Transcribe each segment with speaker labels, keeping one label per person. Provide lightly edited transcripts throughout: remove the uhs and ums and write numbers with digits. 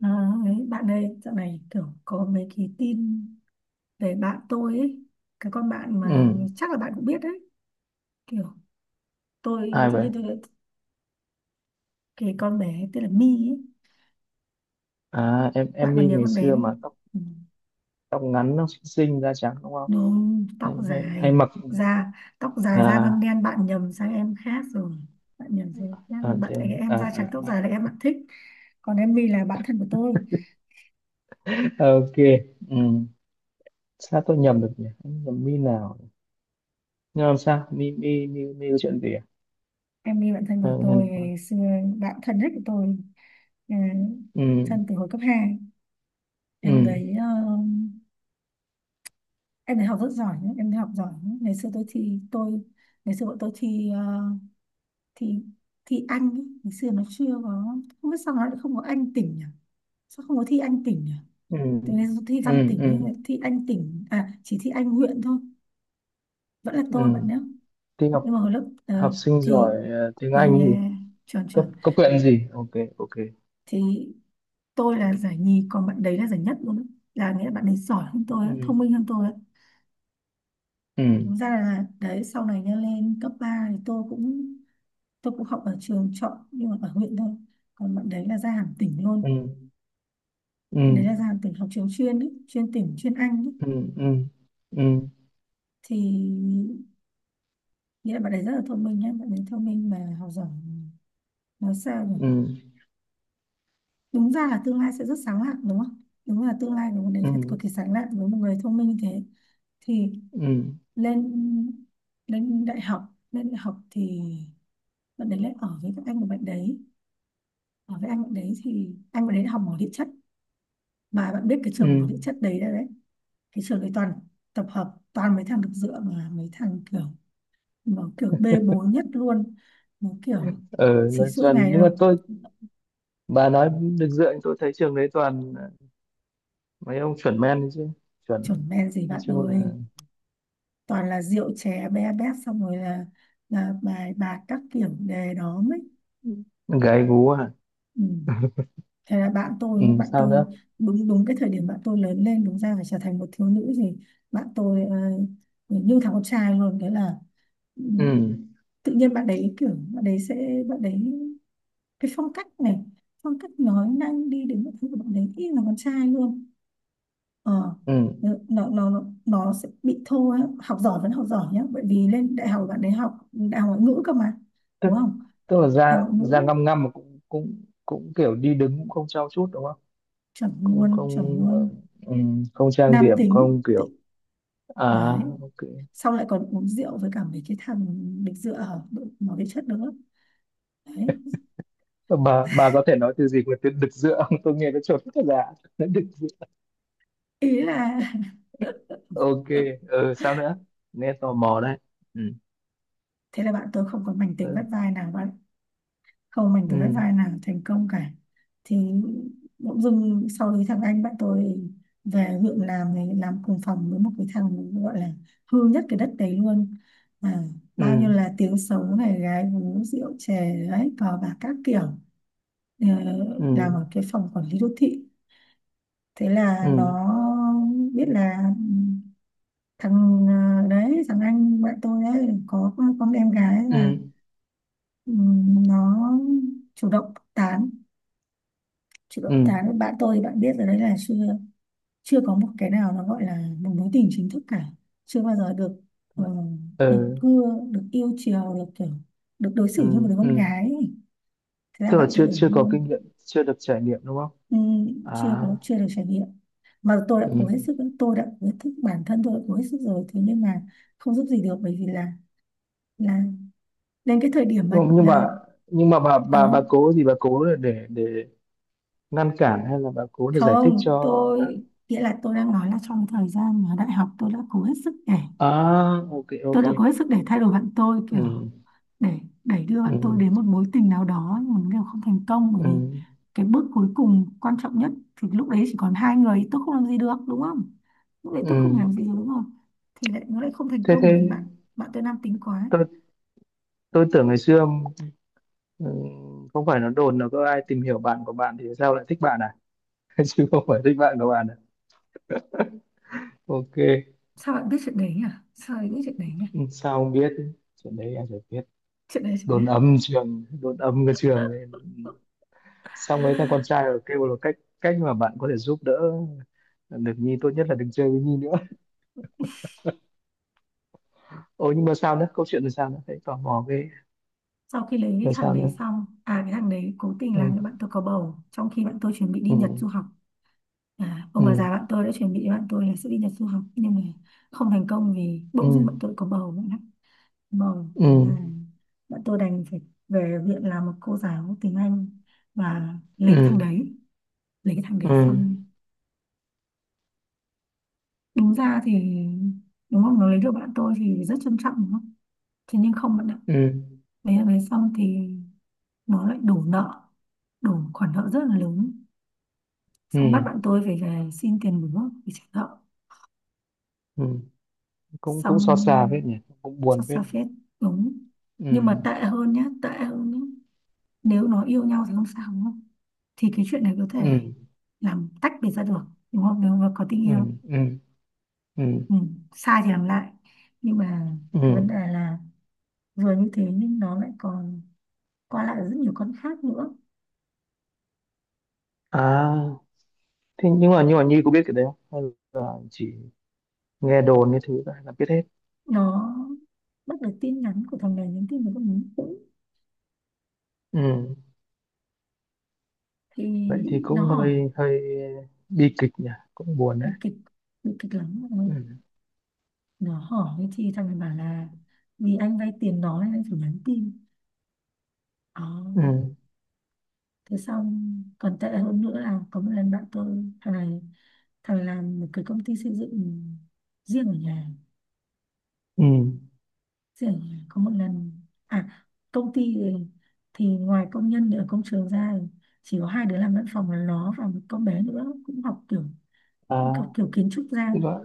Speaker 1: À, ấy, bạn ơi, dạo này kiểu có mấy cái tin về bạn tôi ấy, cái con bạn mà
Speaker 2: Ừ.
Speaker 1: chắc là bạn cũng biết đấy, kiểu
Speaker 2: Ai
Speaker 1: tự
Speaker 2: vậy?
Speaker 1: nhiên tôi lại- cái con bé tên là My ấy,
Speaker 2: À, em
Speaker 1: bạn
Speaker 2: Mi
Speaker 1: còn nhớ
Speaker 2: ngày
Speaker 1: con bé
Speaker 2: xưa
Speaker 1: đấy,
Speaker 2: mà tóc
Speaker 1: ừ,
Speaker 2: tóc ngắn, nó xinh xinh, da trắng đúng không?
Speaker 1: nó tóc
Speaker 2: Hay hay, Hay
Speaker 1: dài,
Speaker 2: mặc.
Speaker 1: da tóc dài da ngăm
Speaker 2: À,
Speaker 1: đen, bạn nhầm sang em khác rồi, bạn nhầm sang em khác
Speaker 2: à,
Speaker 1: rồi. Bạn
Speaker 2: thế.
Speaker 1: em
Speaker 2: À,
Speaker 1: da
Speaker 2: à,
Speaker 1: trắng tóc
Speaker 2: à.
Speaker 1: dài là em bạn thích, còn em My là bạn thân của tôi,
Speaker 2: Ok. Ừ. Sao tôi nhầm được nhỉ? Em nhầm Mi nào? Nhưng làm sao mi mi mi mi có chuyện gì à?
Speaker 1: em My bạn thân
Speaker 2: Ờ,
Speaker 1: của
Speaker 2: hay là
Speaker 1: tôi
Speaker 2: có-
Speaker 1: ngày xưa, bạn thân nhất của tôi, ờ,
Speaker 2: ừ,
Speaker 1: thân từ hồi cấp 2. em
Speaker 2: ừ,
Speaker 1: đấy ờ, em đấy học rất giỏi nhá, em đấy học giỏi nhá. Ngày xưa tôi ngày xưa bọn tôi thi thi thi Anh ý. Ngày xưa nó chưa có, không biết sao nó lại không có Anh tỉnh nhỉ, sao không có thi Anh tỉnh nhỉ.
Speaker 2: ừ,
Speaker 1: Tôi ngày xưa thi Văn
Speaker 2: ừ,
Speaker 1: tỉnh nhưng
Speaker 2: ừ,
Speaker 1: lại thi Anh tỉnh à, chỉ thi Anh huyện thôi, vẫn là
Speaker 2: ừ.
Speaker 1: tôi bạn nhé.
Speaker 2: Học
Speaker 1: Nhưng mà hồi lớp
Speaker 2: học
Speaker 1: ờ,
Speaker 2: sinh
Speaker 1: thì
Speaker 2: giỏi tiếng
Speaker 1: yeah,
Speaker 2: Anh gì.
Speaker 1: yeah, chuẩn
Speaker 2: cấp
Speaker 1: chuẩn,
Speaker 2: cấp huyện gì. Ok. Ok.
Speaker 1: thì tôi là giải nhì còn bạn đấy là giải nhất luôn á. Là nghĩa là bạn ấy giỏi hơn tôi á,
Speaker 2: ừ,
Speaker 1: thông minh hơn tôi á.
Speaker 2: ừ,
Speaker 1: Đúng ra là đấy sau này nha lên cấp 3 thì tôi cũng học ở trường chọn nhưng mà ở huyện thôi, còn bạn đấy là ra hẳn tỉnh
Speaker 2: ừ,
Speaker 1: luôn,
Speaker 2: ừ,
Speaker 1: bạn đấy là ra hẳn tỉnh học trường chuyên ý, chuyên tỉnh chuyên Anh ý.
Speaker 2: ừ, ừ, ừ. Ừ.
Speaker 1: Thì nghĩa là bạn đấy rất là thông minh nhá, bạn đấy thông minh mà học giỏi, nói sao nhỉ,
Speaker 2: Ừ,
Speaker 1: đúng ra là tương lai sẽ rất sáng lạn đúng không, đúng là tương lai của bạn đấy
Speaker 2: ừ,
Speaker 1: phải cực kỳ sáng lạn với một người thông minh như thế. Thì
Speaker 2: ừ,
Speaker 1: lên lên đại học thì bạn đấy lại ở với các anh của bạn đấy. Ở với anh bạn đấy thì anh bạn đấy học mỏ địa chất, mà bạn biết cái
Speaker 2: ừ.
Speaker 1: trường mỏ địa chất đấy đấy, đấy. Cái trường đấy toàn tập hợp toàn mấy thằng được dựa, mà mấy thằng kiểu nó kiểu bê bối nhất luôn, nó kiểu
Speaker 2: ờ mà
Speaker 1: chỉ suốt ngày
Speaker 2: toàn Nhưng mà
Speaker 1: nó
Speaker 2: tôi bà nói được dựa. Tôi thấy trường đấy toàn mấy ông chuẩn men đấy chứ. Chuẩn.
Speaker 1: chuẩn men gì
Speaker 2: Nói
Speaker 1: bạn
Speaker 2: chung là
Speaker 1: ơi, toàn là rượu chè be bét xong rồi là bài bạc các kiểu đề đó mới.
Speaker 2: gái gú à?
Speaker 1: Ừ. Thế là bạn tôi
Speaker 2: Ừ,
Speaker 1: nhá, bạn
Speaker 2: sao
Speaker 1: tôi
Speaker 2: nữa?
Speaker 1: đúng đúng cái thời điểm bạn tôi lớn lên đúng ra phải trở thành một thiếu nữ gì, bạn tôi ờ, như thằng con trai luôn, đấy là, ừ,
Speaker 2: Ừ,
Speaker 1: tự nhiên bạn đấy kiểu bạn đấy sẽ bạn đấy cái phong cách này, phong cách nói năng đi đến mọi thứ của bạn đấy y là con trai luôn. ờ
Speaker 2: ừ.
Speaker 1: nó nó nó, nó sẽ bị thô á. Học giỏi vẫn học giỏi nhá, bởi vì lên đại học bạn đấy học đại học ngoại ngữ cơ mà,
Speaker 2: tức
Speaker 1: đúng không,
Speaker 2: tức là
Speaker 1: đại
Speaker 2: da
Speaker 1: học ngoại ngữ,
Speaker 2: da ngăm ngăm mà cũng cũng cũng kiểu đi đứng cũng không trau chuốt đúng không?
Speaker 1: chuẩn
Speaker 2: Không,
Speaker 1: luôn chuẩn
Speaker 2: không,
Speaker 1: luôn,
Speaker 2: ừ, không trang
Speaker 1: nam
Speaker 2: điểm
Speaker 1: tính
Speaker 2: không kiểu.
Speaker 1: tự
Speaker 2: À,
Speaker 1: đấy,
Speaker 2: ok.
Speaker 1: xong lại còn uống rượu với cả mấy cái thằng nghịch dựa ở đội- nó bị chất nữa đấy,
Speaker 2: Bà có thể nói từ gì mà từ đực dựa không, tôi nghe nó chuẩn thật là đực.
Speaker 1: ý là
Speaker 2: Ok. Ừ, sao nữa? Nghe tò mò đấy. Ừ,
Speaker 1: thế là bạn tôi không còn mảnh tình bắt
Speaker 2: ừ,
Speaker 1: vai nào bạn, không mình thì vẫn vai nào thành công cả, thì bỗng dưng sau đấy thằng anh bạn tôi về huyện làm thì làm cùng phòng với một cái thằng gọi là hư nhất cái đất đấy luôn, à,
Speaker 2: ừ,
Speaker 1: bao nhiêu là tiếng xấu này gái gú rượu chè đấy cờ bạc các kiểu. Ờ,
Speaker 2: ừ,
Speaker 1: làm ở cái phòng quản lý đô thị, thế
Speaker 2: ừ,
Speaker 1: là nó biết là thằng đấy thằng anh bạn tôi ấy có con em gái
Speaker 2: ừ,
Speaker 1: là,
Speaker 2: ừ,
Speaker 1: ừ, nó chủ động tán. Chứ
Speaker 2: ừ,
Speaker 1: động tháng bạn tôi bạn biết rồi đấy là chưa, chưa có một cái nào nó gọi là một mối tình chính thức cả, chưa bao giờ được, ờ, được
Speaker 2: ừ,
Speaker 1: cưa, được yêu chiều, được kiểu được đối xử như
Speaker 2: ừ,
Speaker 1: một đứa con
Speaker 2: ừ.
Speaker 1: gái ấy. Thế là
Speaker 2: Tức là
Speaker 1: bạn tôi
Speaker 2: chưa
Speaker 1: đổi
Speaker 2: chưa có kinh
Speaker 1: luôn,
Speaker 2: nghiệm, chưa được trải nghiệm đúng không?
Speaker 1: ừ, chưa
Speaker 2: À.
Speaker 1: có chưa được trải nghiệm, mà tôi đã
Speaker 2: Ừ.
Speaker 1: cố hết sức, tôi đã cố hết sức bản thân, tôi đã cố hết sức rồi thế nhưng mà không giúp gì được bởi vì là đến cái thời điểm mà
Speaker 2: nhưng nhưng
Speaker 1: là,
Speaker 2: mà nhưng mà bà
Speaker 1: ừ,
Speaker 2: cố gì, bà cố là để ngăn cản hay là bà cố để giải thích
Speaker 1: không
Speaker 2: cho bạn?
Speaker 1: tôi nghĩa là tôi đang nói là trong thời gian mà đại học tôi đã cố hết sức để,
Speaker 2: À, ok.
Speaker 1: tôi
Speaker 2: Ok.
Speaker 1: đã có hết sức để thay đổi bạn tôi kiểu
Speaker 2: Ừ,
Speaker 1: để đẩy đưa
Speaker 2: ừ,
Speaker 1: bạn tôi đến một mối tình nào đó nhưng mà đều không thành công, bởi
Speaker 2: ừ,
Speaker 1: vì cái bước cuối cùng quan trọng nhất thì lúc đấy chỉ còn hai người tôi không làm gì được đúng không, lúc đấy
Speaker 2: ừ.
Speaker 1: tôi không làm gì được đúng không. Thì lại nó lại không thành
Speaker 2: thế
Speaker 1: công bởi
Speaker 2: thế
Speaker 1: vì bạn, bạn tôi nam tính quá.
Speaker 2: tôi tôi tưởng ngày xưa. Ừ, không phải nó đồn là có ai tìm hiểu bạn của bạn thì sao lại thích bạn à? Chứ không phải thích bạn của bạn à? Ok.
Speaker 1: Sao bạn biết chuyện đấy nhỉ, sao lại biết chuyện đấy nhỉ,
Speaker 2: Ừ, sao không biết? Chuyện đấy em phải biết.
Speaker 1: chuyện đấy chẳng nhỉ.
Speaker 2: Đồn âm trường, đồn âm cái trường ấy. Xong ấy thằng con trai rồi kêu là cách, cách mà bạn có thể giúp đỡ được Nhi tốt nhất là đừng chơi với Nhi nữa. Ồ, nhưng mà sao nữa, câu chuyện là sao nữa, thấy tò mò cái
Speaker 1: Sau khi lấy cái
Speaker 2: là
Speaker 1: thằng
Speaker 2: sao
Speaker 1: đấy
Speaker 2: nữa?
Speaker 1: xong à, cái thằng đấy cố tình
Speaker 2: Ừ,
Speaker 1: làm cho bạn tôi có bầu trong khi bạn tôi chuẩn bị đi
Speaker 2: ừ,
Speaker 1: Nhật du học. À, ông bà
Speaker 2: ừ,
Speaker 1: già bạn tôi đã chuẩn bị bạn tôi là sẽ đi Nhật du học nhưng mà không thành công vì
Speaker 2: ừ,
Speaker 1: bỗng dưng bạn tôi có bầu bạn ạ, bầu
Speaker 2: ừ,
Speaker 1: thế là bạn tôi đành phải về viện làm một cô giáo tiếng Anh và
Speaker 2: ừ,
Speaker 1: lấy cái thằng đấy. Lấy cái thằng đấy
Speaker 2: ừ,
Speaker 1: xong đúng ra thì, đúng không nó lấy được bạn tôi thì rất trân trọng đúng không, thế nhưng không bạn ạ,
Speaker 2: ừ,
Speaker 1: lấy thằng đấy xong thì nó lại đổ nợ, đổ khoản nợ rất là lớn,
Speaker 2: ừ,
Speaker 1: xong bắt bạn tôi phải về xin tiền bố để trả nợ,
Speaker 2: ừ. Cũng cũng xót xa
Speaker 1: xong
Speaker 2: phết nhỉ. Cũng buồn
Speaker 1: xót xa
Speaker 2: phết.
Speaker 1: phết, đúng.
Speaker 2: Ừ,
Speaker 1: Nhưng mà tệ hơn nhá, tệ hơn nhá, nếu nó yêu nhau thì không sao đúng không, thì cái chuyện này có thể
Speaker 2: ừ,
Speaker 1: làm tách biệt ra được đúng không, nếu mà có tình
Speaker 2: ừ,
Speaker 1: yêu,
Speaker 2: ừ, ừ,
Speaker 1: ừ. Sai thì làm lại, nhưng mà
Speaker 2: ừ.
Speaker 1: cái vấn đề là vừa như thế nhưng nó lại còn qua lại ở rất nhiều con khác nữa.
Speaker 2: À, thế nhưng mà Nhi có biết cái đấy không, hay là chỉ nghe đồn như thứ là biết hết?
Speaker 1: Nó bắt được tin nhắn của thằng này nhắn tin với con nhắn cũ
Speaker 2: Ừ,
Speaker 1: thì
Speaker 2: vậy thì
Speaker 1: nó
Speaker 2: cũng
Speaker 1: hỏi,
Speaker 2: hơi hơi bi kịch nhỉ. Cũng buồn
Speaker 1: bị
Speaker 2: đấy.
Speaker 1: kịch, bị kịch lắm mọi người.
Speaker 2: Ừ,
Speaker 1: Nó hỏi thì thằng này bảo là vì anh vay tiền nó nên anh phải nhắn tin. Ờ,
Speaker 2: ừ,
Speaker 1: Thế xong còn tệ hơn nữa là có một lần bạn tôi thằng này, thằng này làm một cái công ty xây dựng riêng ở nhà,
Speaker 2: ừ.
Speaker 1: riêng ở nhà có một lần, à, công ty thì ngoài công nhân ở công trường ra chỉ có hai đứa làm văn phòng là nó và một con bé nữa cũng học
Speaker 2: À,
Speaker 1: kiểu kiến trúc
Speaker 2: tức
Speaker 1: ra,
Speaker 2: là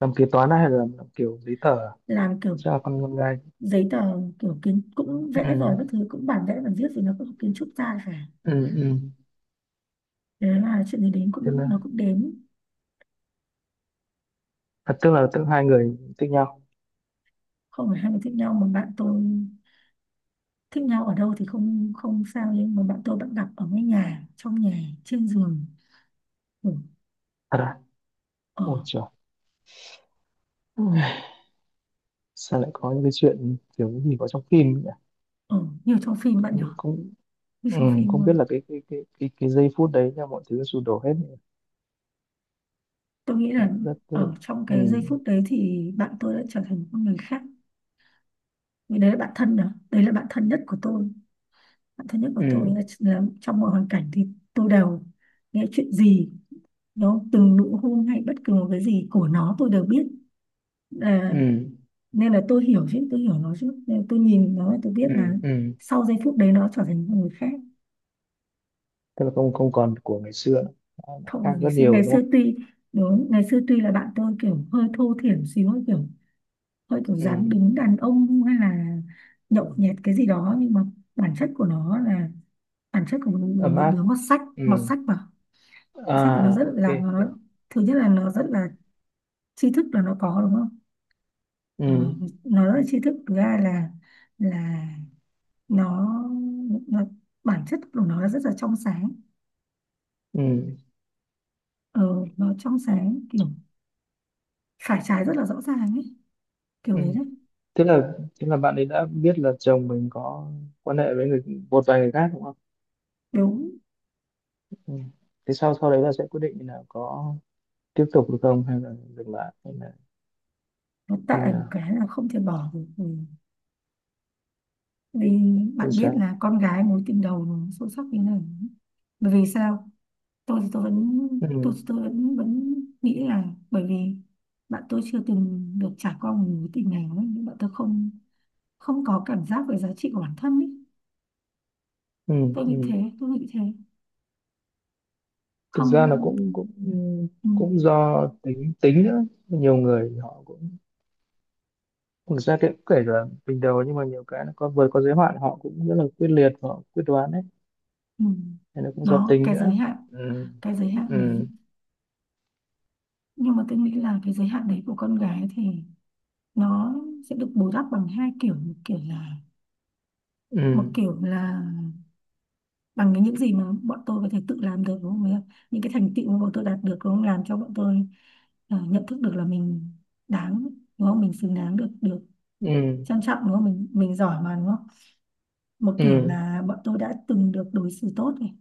Speaker 2: làm kế toán hay là làm kiểu giấy tờ à?
Speaker 1: làm kiểu
Speaker 2: Sao là con gái?
Speaker 1: giấy tờ, kiểu kiến cũng
Speaker 2: Ừ,
Speaker 1: vẽ rồi các thứ cũng bản vẽ bản viết thì nó cũng học kiến trúc ra phải.
Speaker 2: ừ, ừ.
Speaker 1: Thế là chuyện gì đến
Speaker 2: Tức
Speaker 1: cũng
Speaker 2: là,
Speaker 1: nó cũng đến,
Speaker 2: à, tức là hai người thích nhau?
Speaker 1: không phải hai người thích nhau mà bạn tôi, thích nhau ở đâu thì không không sao nhưng mà bạn tôi bạn gặp ở cái nhà trong nhà trên giường ngủ
Speaker 2: Thật à?
Speaker 1: ở,
Speaker 2: Ôi trời. Sao lại có những cái chuyện kiểu gì có trong phim nhỉ?
Speaker 1: ở như trong phim bạn nhỏ,
Speaker 2: Cũng.
Speaker 1: như
Speaker 2: Ừ,
Speaker 1: trong phim
Speaker 2: không biết
Speaker 1: luôn.
Speaker 2: là cái giây phút đấy là mọi thứ sụp đổ hết rồi.
Speaker 1: Tôi nghĩ là
Speaker 2: Cảm giác rất rất là.
Speaker 1: ở trong
Speaker 2: Ừ.
Speaker 1: cái giây phút đấy thì bạn tôi đã trở thành một con người khác, vì đấy là bạn thân đó, đấy là bạn thân nhất của tôi, bạn thân nhất của tôi
Speaker 2: Ừ,
Speaker 1: là trong mọi hoàn cảnh thì tôi đều nghe chuyện gì, nó từng nụ hôn hay bất cứ một cái gì của nó tôi đều biết.
Speaker 2: ừ,
Speaker 1: À, nên là tôi hiểu chứ, tôi hiểu nó chứ, nên tôi nhìn nó tôi biết
Speaker 2: ừ,
Speaker 1: là
Speaker 2: ừ.
Speaker 1: sau giây phút đấy nó trở thành một người khác.
Speaker 2: Tức là không không còn của ngày xưa nữa. Nó
Speaker 1: Không
Speaker 2: khác
Speaker 1: bằng ngày
Speaker 2: rất
Speaker 1: xưa,
Speaker 2: nhiều
Speaker 1: ngày
Speaker 2: đúng
Speaker 1: xưa
Speaker 2: không?
Speaker 1: tuy, đúng ngày xưa tuy là bạn tôi kiểu hơi thô thiển xíu, hơi kiểu dáng
Speaker 2: Ừ,
Speaker 1: đứng đàn ông hay là
Speaker 2: ừ.
Speaker 1: nhậu nhẹt cái gì đó nhưng mà bản chất của nó là bản chất của
Speaker 2: Ấm
Speaker 1: một
Speaker 2: áp.
Speaker 1: đứa mọt sách,
Speaker 2: Ừ.
Speaker 1: mọt sách mà sách của nó
Speaker 2: À,
Speaker 1: rất
Speaker 2: ok.
Speaker 1: là nó,
Speaker 2: Hiểu.
Speaker 1: thứ nhất là nó rất là tri thức là nó có đúng không.
Speaker 2: Ừ,
Speaker 1: Ờ, nó rất là tri thức, thứ hai là nó, nó bản chất của nó là rất là trong sáng,
Speaker 2: ừ,
Speaker 1: ờ, nó trong sáng kiểu phải trái rất là rõ ràng ấy, kiểu
Speaker 2: ừ.
Speaker 1: đấy đấy,
Speaker 2: Thế là thế là bạn ấy đã biết là chồng mình có quan hệ với người, một vài người khác đúng không?
Speaker 1: đúng.
Speaker 2: Ừ. Thế sau sau đấy là sẽ quyết định là có tiếp tục được không, hay là dừng lại hay là
Speaker 1: Nó
Speaker 2: như
Speaker 1: tệ một
Speaker 2: nào?
Speaker 1: cái là không thể bỏ được, ừ. Vì
Speaker 2: Như
Speaker 1: bạn biết
Speaker 2: sao?
Speaker 1: là con gái mối tình đầu nó sâu sắc như này, bởi vì sao, tôi thì tôi vẫn,
Speaker 2: Ừ.
Speaker 1: tôi vẫn vẫn nghĩ là bởi vì bạn tôi chưa từng được trải qua một mối tình nào ấy, nhưng bạn tôi không không có cảm giác về giá trị của bản thân ấy,
Speaker 2: Ừ,
Speaker 1: tôi nghĩ
Speaker 2: ừ.
Speaker 1: thế, tôi nghĩ thế,
Speaker 2: Thực ra là cũng
Speaker 1: không,
Speaker 2: cũng
Speaker 1: ừ.
Speaker 2: cũng do tính tính nữa. Nhiều người họ cũng, thực ra cái cũng kể cả bình đầu, nhưng mà nhiều cái nó có vượt có giới hạn, họ cũng rất là quyết liệt và họ quyết đoán đấy.
Speaker 1: Ừ.
Speaker 2: Nên nó cũng do
Speaker 1: Đó,
Speaker 2: tính nữa. Ừ,
Speaker 1: cái giới hạn đấy.
Speaker 2: ừ,
Speaker 1: Nhưng mà tôi nghĩ là cái giới hạn đấy của con gái thì nó sẽ được bù đắp bằng hai kiểu, một kiểu là một
Speaker 2: ừ,
Speaker 1: kiểu là bằng cái những gì mà bọn tôi có thể tự làm được, đúng không ạ? Những cái thành tựu mà bọn tôi đạt được, đúng không? Làm cho bọn tôi nhận thức được là mình đáng, đúng không? Mình xứng đáng được được
Speaker 2: ừ,
Speaker 1: trân trọng, đúng không? Mình giỏi mà, đúng không? Một kiểu
Speaker 2: ừ,
Speaker 1: là bọn tôi đã từng được đối xử tốt này,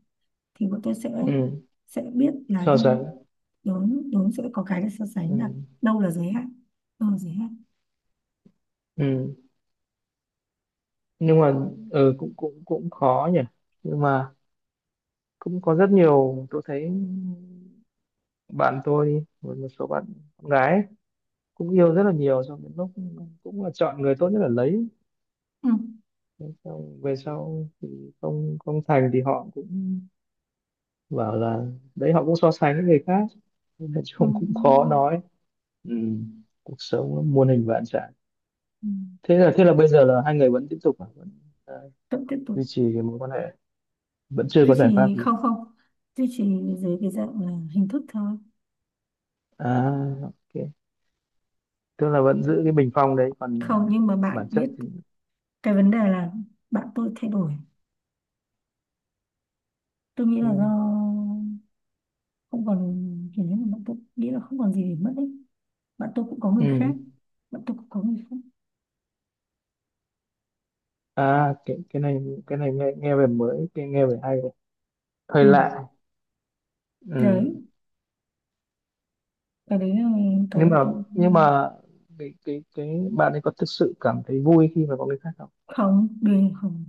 Speaker 1: thì bọn tôi sẽ
Speaker 2: ừ.
Speaker 1: sẽ biết là
Speaker 2: So
Speaker 1: như
Speaker 2: sánh.
Speaker 1: đúng đúng, sẽ có cái để so sánh là
Speaker 2: Ừ,
Speaker 1: đâu là giới hạn, đâu là giới hạn.
Speaker 2: ừ. Nhưng mà ừ, cũng cũng cũng khó nhỉ. Nhưng mà cũng có rất nhiều, tôi thấy bạn tôi một một số bạn gái cũng yêu rất là nhiều, xong đến lúc cũng là chọn người tốt nhất là lấy.
Speaker 1: Ừ.
Speaker 2: Thế xong về sau thì không không thành thì họ cũng bảo là đấy, họ cũng so sánh với người khác. Nên là
Speaker 1: Ừ.
Speaker 2: chung cũng khó nói. Ừ. Cuộc sống nó muôn hình vạn trạng.
Speaker 1: Ừ.
Speaker 2: Thế là bây giờ là hai người vẫn tiếp tục à? Vẫn à,
Speaker 1: Vẫn tiếp tục
Speaker 2: duy trì cái mối quan hệ, vẫn chưa
Speaker 1: duy
Speaker 2: có giải pháp
Speaker 1: trì.
Speaker 2: gì?
Speaker 1: Không, không duy trì, dưới cái dạng là hình thức thôi.
Speaker 2: À, ok. Tức là vẫn giữ cái bình phong đấy còn à,
Speaker 1: Không, nhưng mà bạn
Speaker 2: bản chất
Speaker 1: biết
Speaker 2: thì.
Speaker 1: cái vấn đề là bạn tôi thay đổi. Tôi nghĩ là do
Speaker 2: Ừ.
Speaker 1: không còn, kiểu như là bạn tôi nghĩ là không còn gì để mất ấy. Bạn tôi cũng có người khác.
Speaker 2: Ừ.
Speaker 1: Bạn tôi cũng có người khác.
Speaker 2: À, cái này, cái này nghe nghe về mới, cái nghe về hay đấy,
Speaker 1: Ừ.
Speaker 2: hơi lạ. Ừ.
Speaker 1: Đấy, cái đấy là cái
Speaker 2: Nhưng
Speaker 1: mà
Speaker 2: mà,
Speaker 1: tôi,
Speaker 2: nhưng mà cái bạn ấy có thực sự cảm thấy vui khi mà có người khác không?
Speaker 1: không, đương không.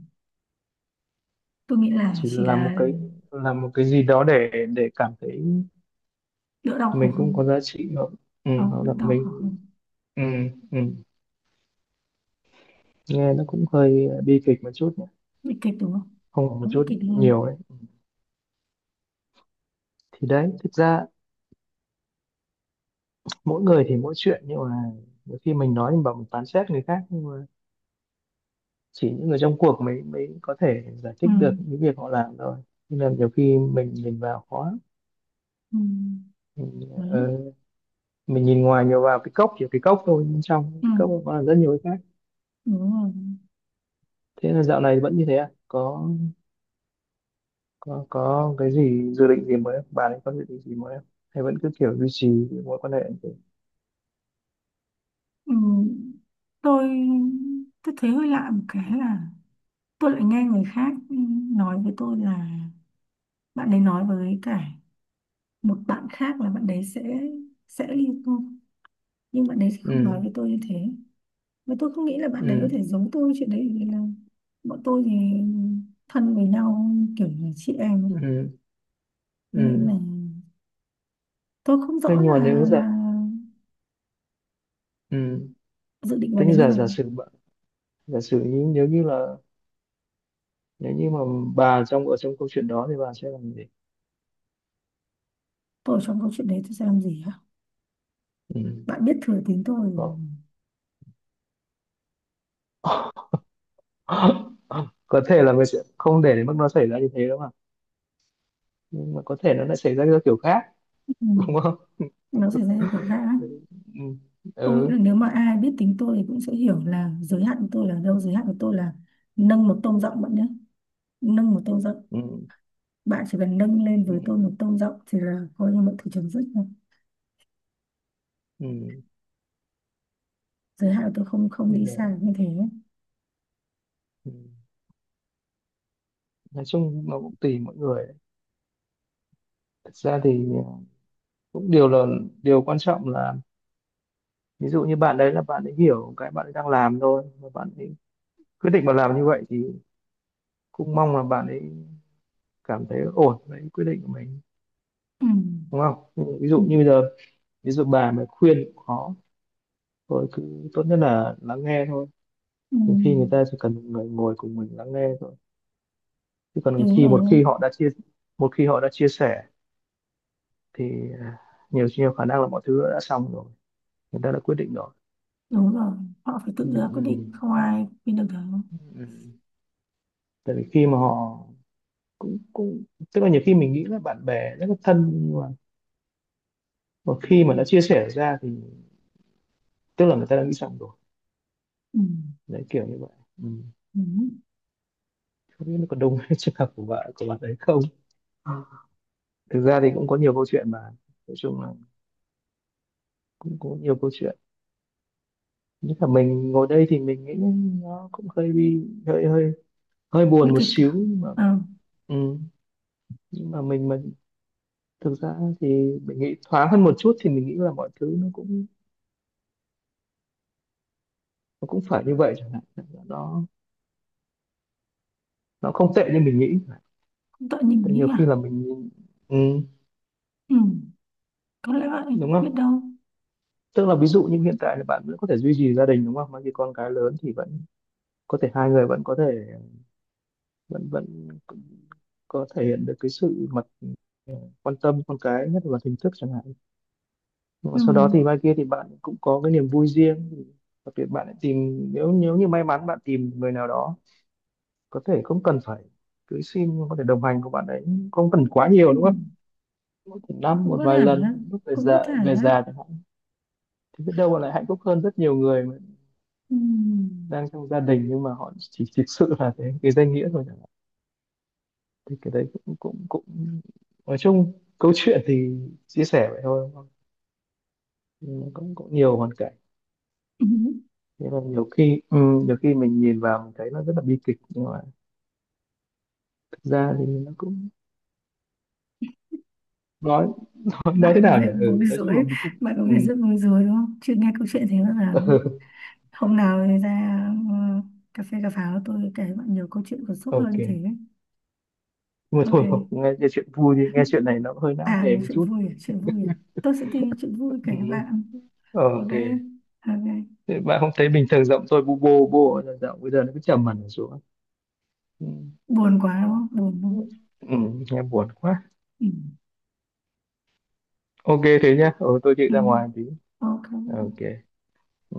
Speaker 1: Tôi nghĩ là
Speaker 2: Chỉ là
Speaker 1: chỉ
Speaker 2: làm một
Speaker 1: là
Speaker 2: cái, làm một cái gì đó để cảm thấy
Speaker 1: đỡ đau khổ
Speaker 2: mình cũng
Speaker 1: hơn.
Speaker 2: có giá trị nữa. Ừ,
Speaker 1: Không,
Speaker 2: hoặc
Speaker 1: đỡ
Speaker 2: là
Speaker 1: đau khổ
Speaker 2: mình.
Speaker 1: hơn.
Speaker 2: Ừ, ừ. Nghe nó cũng hơi bi kịch một chút nhé.
Speaker 1: Bị kịch đúng không.
Speaker 2: Không phải
Speaker 1: Quá
Speaker 2: một
Speaker 1: bị
Speaker 2: chút,
Speaker 1: kịch luôn.
Speaker 2: nhiều đấy. Thì đấy, thực ra mỗi người thì mỗi chuyện, nhưng mà nhiều khi mình nói, mình bảo mình phán xét người khác, nhưng mà chỉ những người trong cuộc mới mới có thể giải
Speaker 1: Ừ.
Speaker 2: thích được những việc họ làm thôi. Nên là nhiều khi mình nhìn vào khó.
Speaker 1: Ừ. Đấy.
Speaker 2: Ừ, mình nhìn ngoài nhiều vào cái cốc, chỉ cái cốc thôi, bên trong
Speaker 1: Ừ.
Speaker 2: cái cốc nó còn rất nhiều cái khác.
Speaker 1: Đúng rồi.
Speaker 2: Thế là dạo này vẫn như thế à, có cái gì dự định gì mới không? Bà ấy có dự định gì mới không, hay vẫn cứ kiểu duy trì cái mối quan hệ như thế?
Speaker 1: Ừ. tôi tôi thấy hơi lạ một cái là tôi lại nghe người khác nói với tôi là bạn ấy nói với cả một bạn khác là bạn đấy sẽ ly hôn, nhưng bạn đấy thì không nói
Speaker 2: Ừ,
Speaker 1: với tôi như thế. Và tôi không nghĩ là bạn đấy có
Speaker 2: ừ,
Speaker 1: thể giống tôi chuyện đấy, vì là bọn tôi thì thân với nhau, kiểu là chị em ấy.
Speaker 2: ừ,
Speaker 1: Tôi nghĩ là
Speaker 2: ừ.
Speaker 1: tôi không
Speaker 2: Thế
Speaker 1: rõ
Speaker 2: nhưng mà
Speaker 1: là
Speaker 2: nếu giả,
Speaker 1: là
Speaker 2: ừ,
Speaker 1: dự định vào
Speaker 2: thế nhưng
Speaker 1: đấy như
Speaker 2: giả
Speaker 1: này.
Speaker 2: giả sử bạn- giả sử như, nếu như là, nếu như mà bà trong, ở trong câu chuyện đó thì bà sẽ làm gì?
Speaker 1: Tôi ở trong câu chuyện đấy tôi sẽ làm gì hả?
Speaker 2: Ừ.
Speaker 1: Bạn biết thừa tính tôi.
Speaker 2: Có. Có thể là mình sẽ không để đến mức nó xảy ra như thế đâu mà, nhưng mà có thể nó lại xảy ra theo kiểu khác.
Speaker 1: Ừ.
Speaker 2: Đúng.
Speaker 1: Nó xảy ra theo kiểu khác á.
Speaker 2: Ừ,
Speaker 1: Tôi nghĩ
Speaker 2: ừ,
Speaker 1: là nếu mà ai biết tính tôi thì cũng sẽ hiểu là giới hạn của tôi là đâu. Giới hạn của tôi là nâng một tông giọng bạn nhé, nâng một tông giọng.
Speaker 2: ừ,
Speaker 1: Bạn chỉ cần nâng lên với tôi
Speaker 2: ừ,
Speaker 1: một tông giọng thì là coi như mọi thứ chấm dứt rồi.
Speaker 2: ừ.
Speaker 1: Giới hạn của tôi không, không
Speaker 2: Bây
Speaker 1: đi
Speaker 2: giờ.
Speaker 1: xa như thế.
Speaker 2: Ừ. Nói chung nó cũng tùy mỗi người. Thật ra thì cũng điều là, điều quan trọng là ví dụ như bạn đấy là bạn ấy hiểu cái bạn ấy đang làm thôi và bạn ấy quyết định mà làm như vậy thì cũng mong là bạn ấy cảm thấy ổn với quyết định của mình,
Speaker 1: Ừ.
Speaker 2: đúng không? Nhưng ví dụ
Speaker 1: Ừ.
Speaker 2: như bây giờ, ví dụ bà mà khuyên cũng khó, thôi cứ tốt nhất là lắng nghe thôi.
Speaker 1: Ừ.
Speaker 2: Nhiều khi người ta chỉ cần một người ngồi cùng mình lắng nghe thôi, chứ còn
Speaker 1: Đúng
Speaker 2: khi một
Speaker 1: rồi.
Speaker 2: khi họ đã chia, một khi họ đã chia sẻ thì à, nhiều nhiều khả năng là mọi thứ đã xong rồi, người ta đã quyết định rồi.
Speaker 1: Đúng rồi. Họ phải
Speaker 2: Ừ.
Speaker 1: tự ra quyết
Speaker 2: Ừ,
Speaker 1: định, không ai khuyên được đâu.
Speaker 2: ừ. Tại vì khi mà họ cũng cũng, tức là nhiều khi mình nghĩ là bạn bè rất là thân, nhưng mà khi mà đã chia sẻ ra thì tức là người ta đã nghĩ xong rồi.
Speaker 1: Ừ.
Speaker 2: Đấy, kiểu như vậy. Ừ.
Speaker 1: Ừ.
Speaker 2: Không biết nó còn đông trường hợp của bạn, của bạn ấy không? Thực ra thì cũng có nhiều câu chuyện mà, nói chung là cũng có nhiều câu chuyện, nhất là mình ngồi đây thì mình nghĩ nó cũng hơi bị hơi hơi hơi
Speaker 1: Nguy
Speaker 2: buồn một
Speaker 1: kịch à.
Speaker 2: xíu nhưng mà.
Speaker 1: Ờ.
Speaker 2: Ừ. Nhưng mà mình mà, thực ra thì mình nghĩ thoáng hơn một chút thì mình nghĩ là mọi thứ nó cũng, nó cũng phải như vậy chẳng hạn, nó nó không tệ như mình nghĩ.
Speaker 1: Cũng tội nhìn
Speaker 2: Tại
Speaker 1: nghĩ
Speaker 2: nhiều khi
Speaker 1: à.
Speaker 2: là mình, ừ,
Speaker 1: Ừ, có lẽ vậy.
Speaker 2: đúng
Speaker 1: Biết
Speaker 2: không?
Speaker 1: đâu.
Speaker 2: Tức là ví dụ như hiện tại là bạn vẫn có thể duy trì gia đình đúng không, mà khi con cái lớn thì vẫn có thể hai người vẫn có thể, vẫn vẫn có thể hiện được cái sự mặt, ờ, quan tâm con cái nhất là hình thức chẳng hạn. Nhưng mà
Speaker 1: Ừ,
Speaker 2: sau đó thì mai kia thì bạn cũng có cái niềm vui riêng thì đặc biệt bạn lại tìm, nếu nếu như may mắn bạn tìm người nào đó, có thể không cần phải cưới xin nhưng có thể đồng hành của bạn ấy, không cần quá
Speaker 1: ừ.
Speaker 2: nhiều đúng không? Mỗi một năm
Speaker 1: Cũng
Speaker 2: một
Speaker 1: có thể.
Speaker 2: vài lần lúc
Speaker 1: Cũng có thể.
Speaker 2: về già chẳng hạn, thì biết đâu bạn lại hạnh phúc hơn rất nhiều người mà
Speaker 1: Ừ.
Speaker 2: đang trong gia đình, nhưng mà họ chỉ thực sự là cái danh nghĩa thôi chẳng hạn. Thì cái đấy cũng cũng cũng nói chung, câu chuyện thì chia sẻ vậy thôi đúng không? Nhưng mà cũng cũng nhiều hoàn cảnh.
Speaker 1: Ừ.
Speaker 2: Thế là nhiều khi ừ, nhiều khi mình nhìn vào mình thấy nó rất là bi kịch, nhưng mà thực ra thì nó cũng, nói, nói thế
Speaker 1: Bạn có
Speaker 2: nào nhỉ
Speaker 1: vẻ
Speaker 2: ừ,
Speaker 1: bối
Speaker 2: nói chung là
Speaker 1: rối.
Speaker 2: mình cũng
Speaker 1: Bạn có
Speaker 2: ừ,
Speaker 1: vẻ rất bối rối, đúng không, chưa nghe câu chuyện thế bao giờ. Hôm nào thì ra ờ, cà phê cà pháo tôi kể bạn nhiều câu chuyện cảm xúc
Speaker 2: ok.
Speaker 1: hơn thế.
Speaker 2: Nhưng mà
Speaker 1: Ok.
Speaker 2: thôi không nghe chuyện vui thì nghe chuyện này nó hơi não
Speaker 1: À,
Speaker 2: nề
Speaker 1: một
Speaker 2: một
Speaker 1: chuyện
Speaker 2: chút.
Speaker 1: vui à? Chuyện vui à? Tôi sẽ tìm chuyện vui kể
Speaker 2: Ừ.
Speaker 1: các bạn. Ok.
Speaker 2: Ok.
Speaker 1: Ok.
Speaker 2: Thế bạn không thấy bình thường giọng tôi bu bô bô là giọng bây giờ nó cứ trầm hẳn xuống. Ừ.
Speaker 1: Buồn quá đúng không, buồn đúng không.
Speaker 2: Ừ, nghe buồn quá.
Speaker 1: Ừ.
Speaker 2: Ok thế nhá, ừ, tôi chịu
Speaker 1: Ừ.
Speaker 2: ra ngoài tí.
Speaker 1: Ok.
Speaker 2: Ờ, ok. Ừ.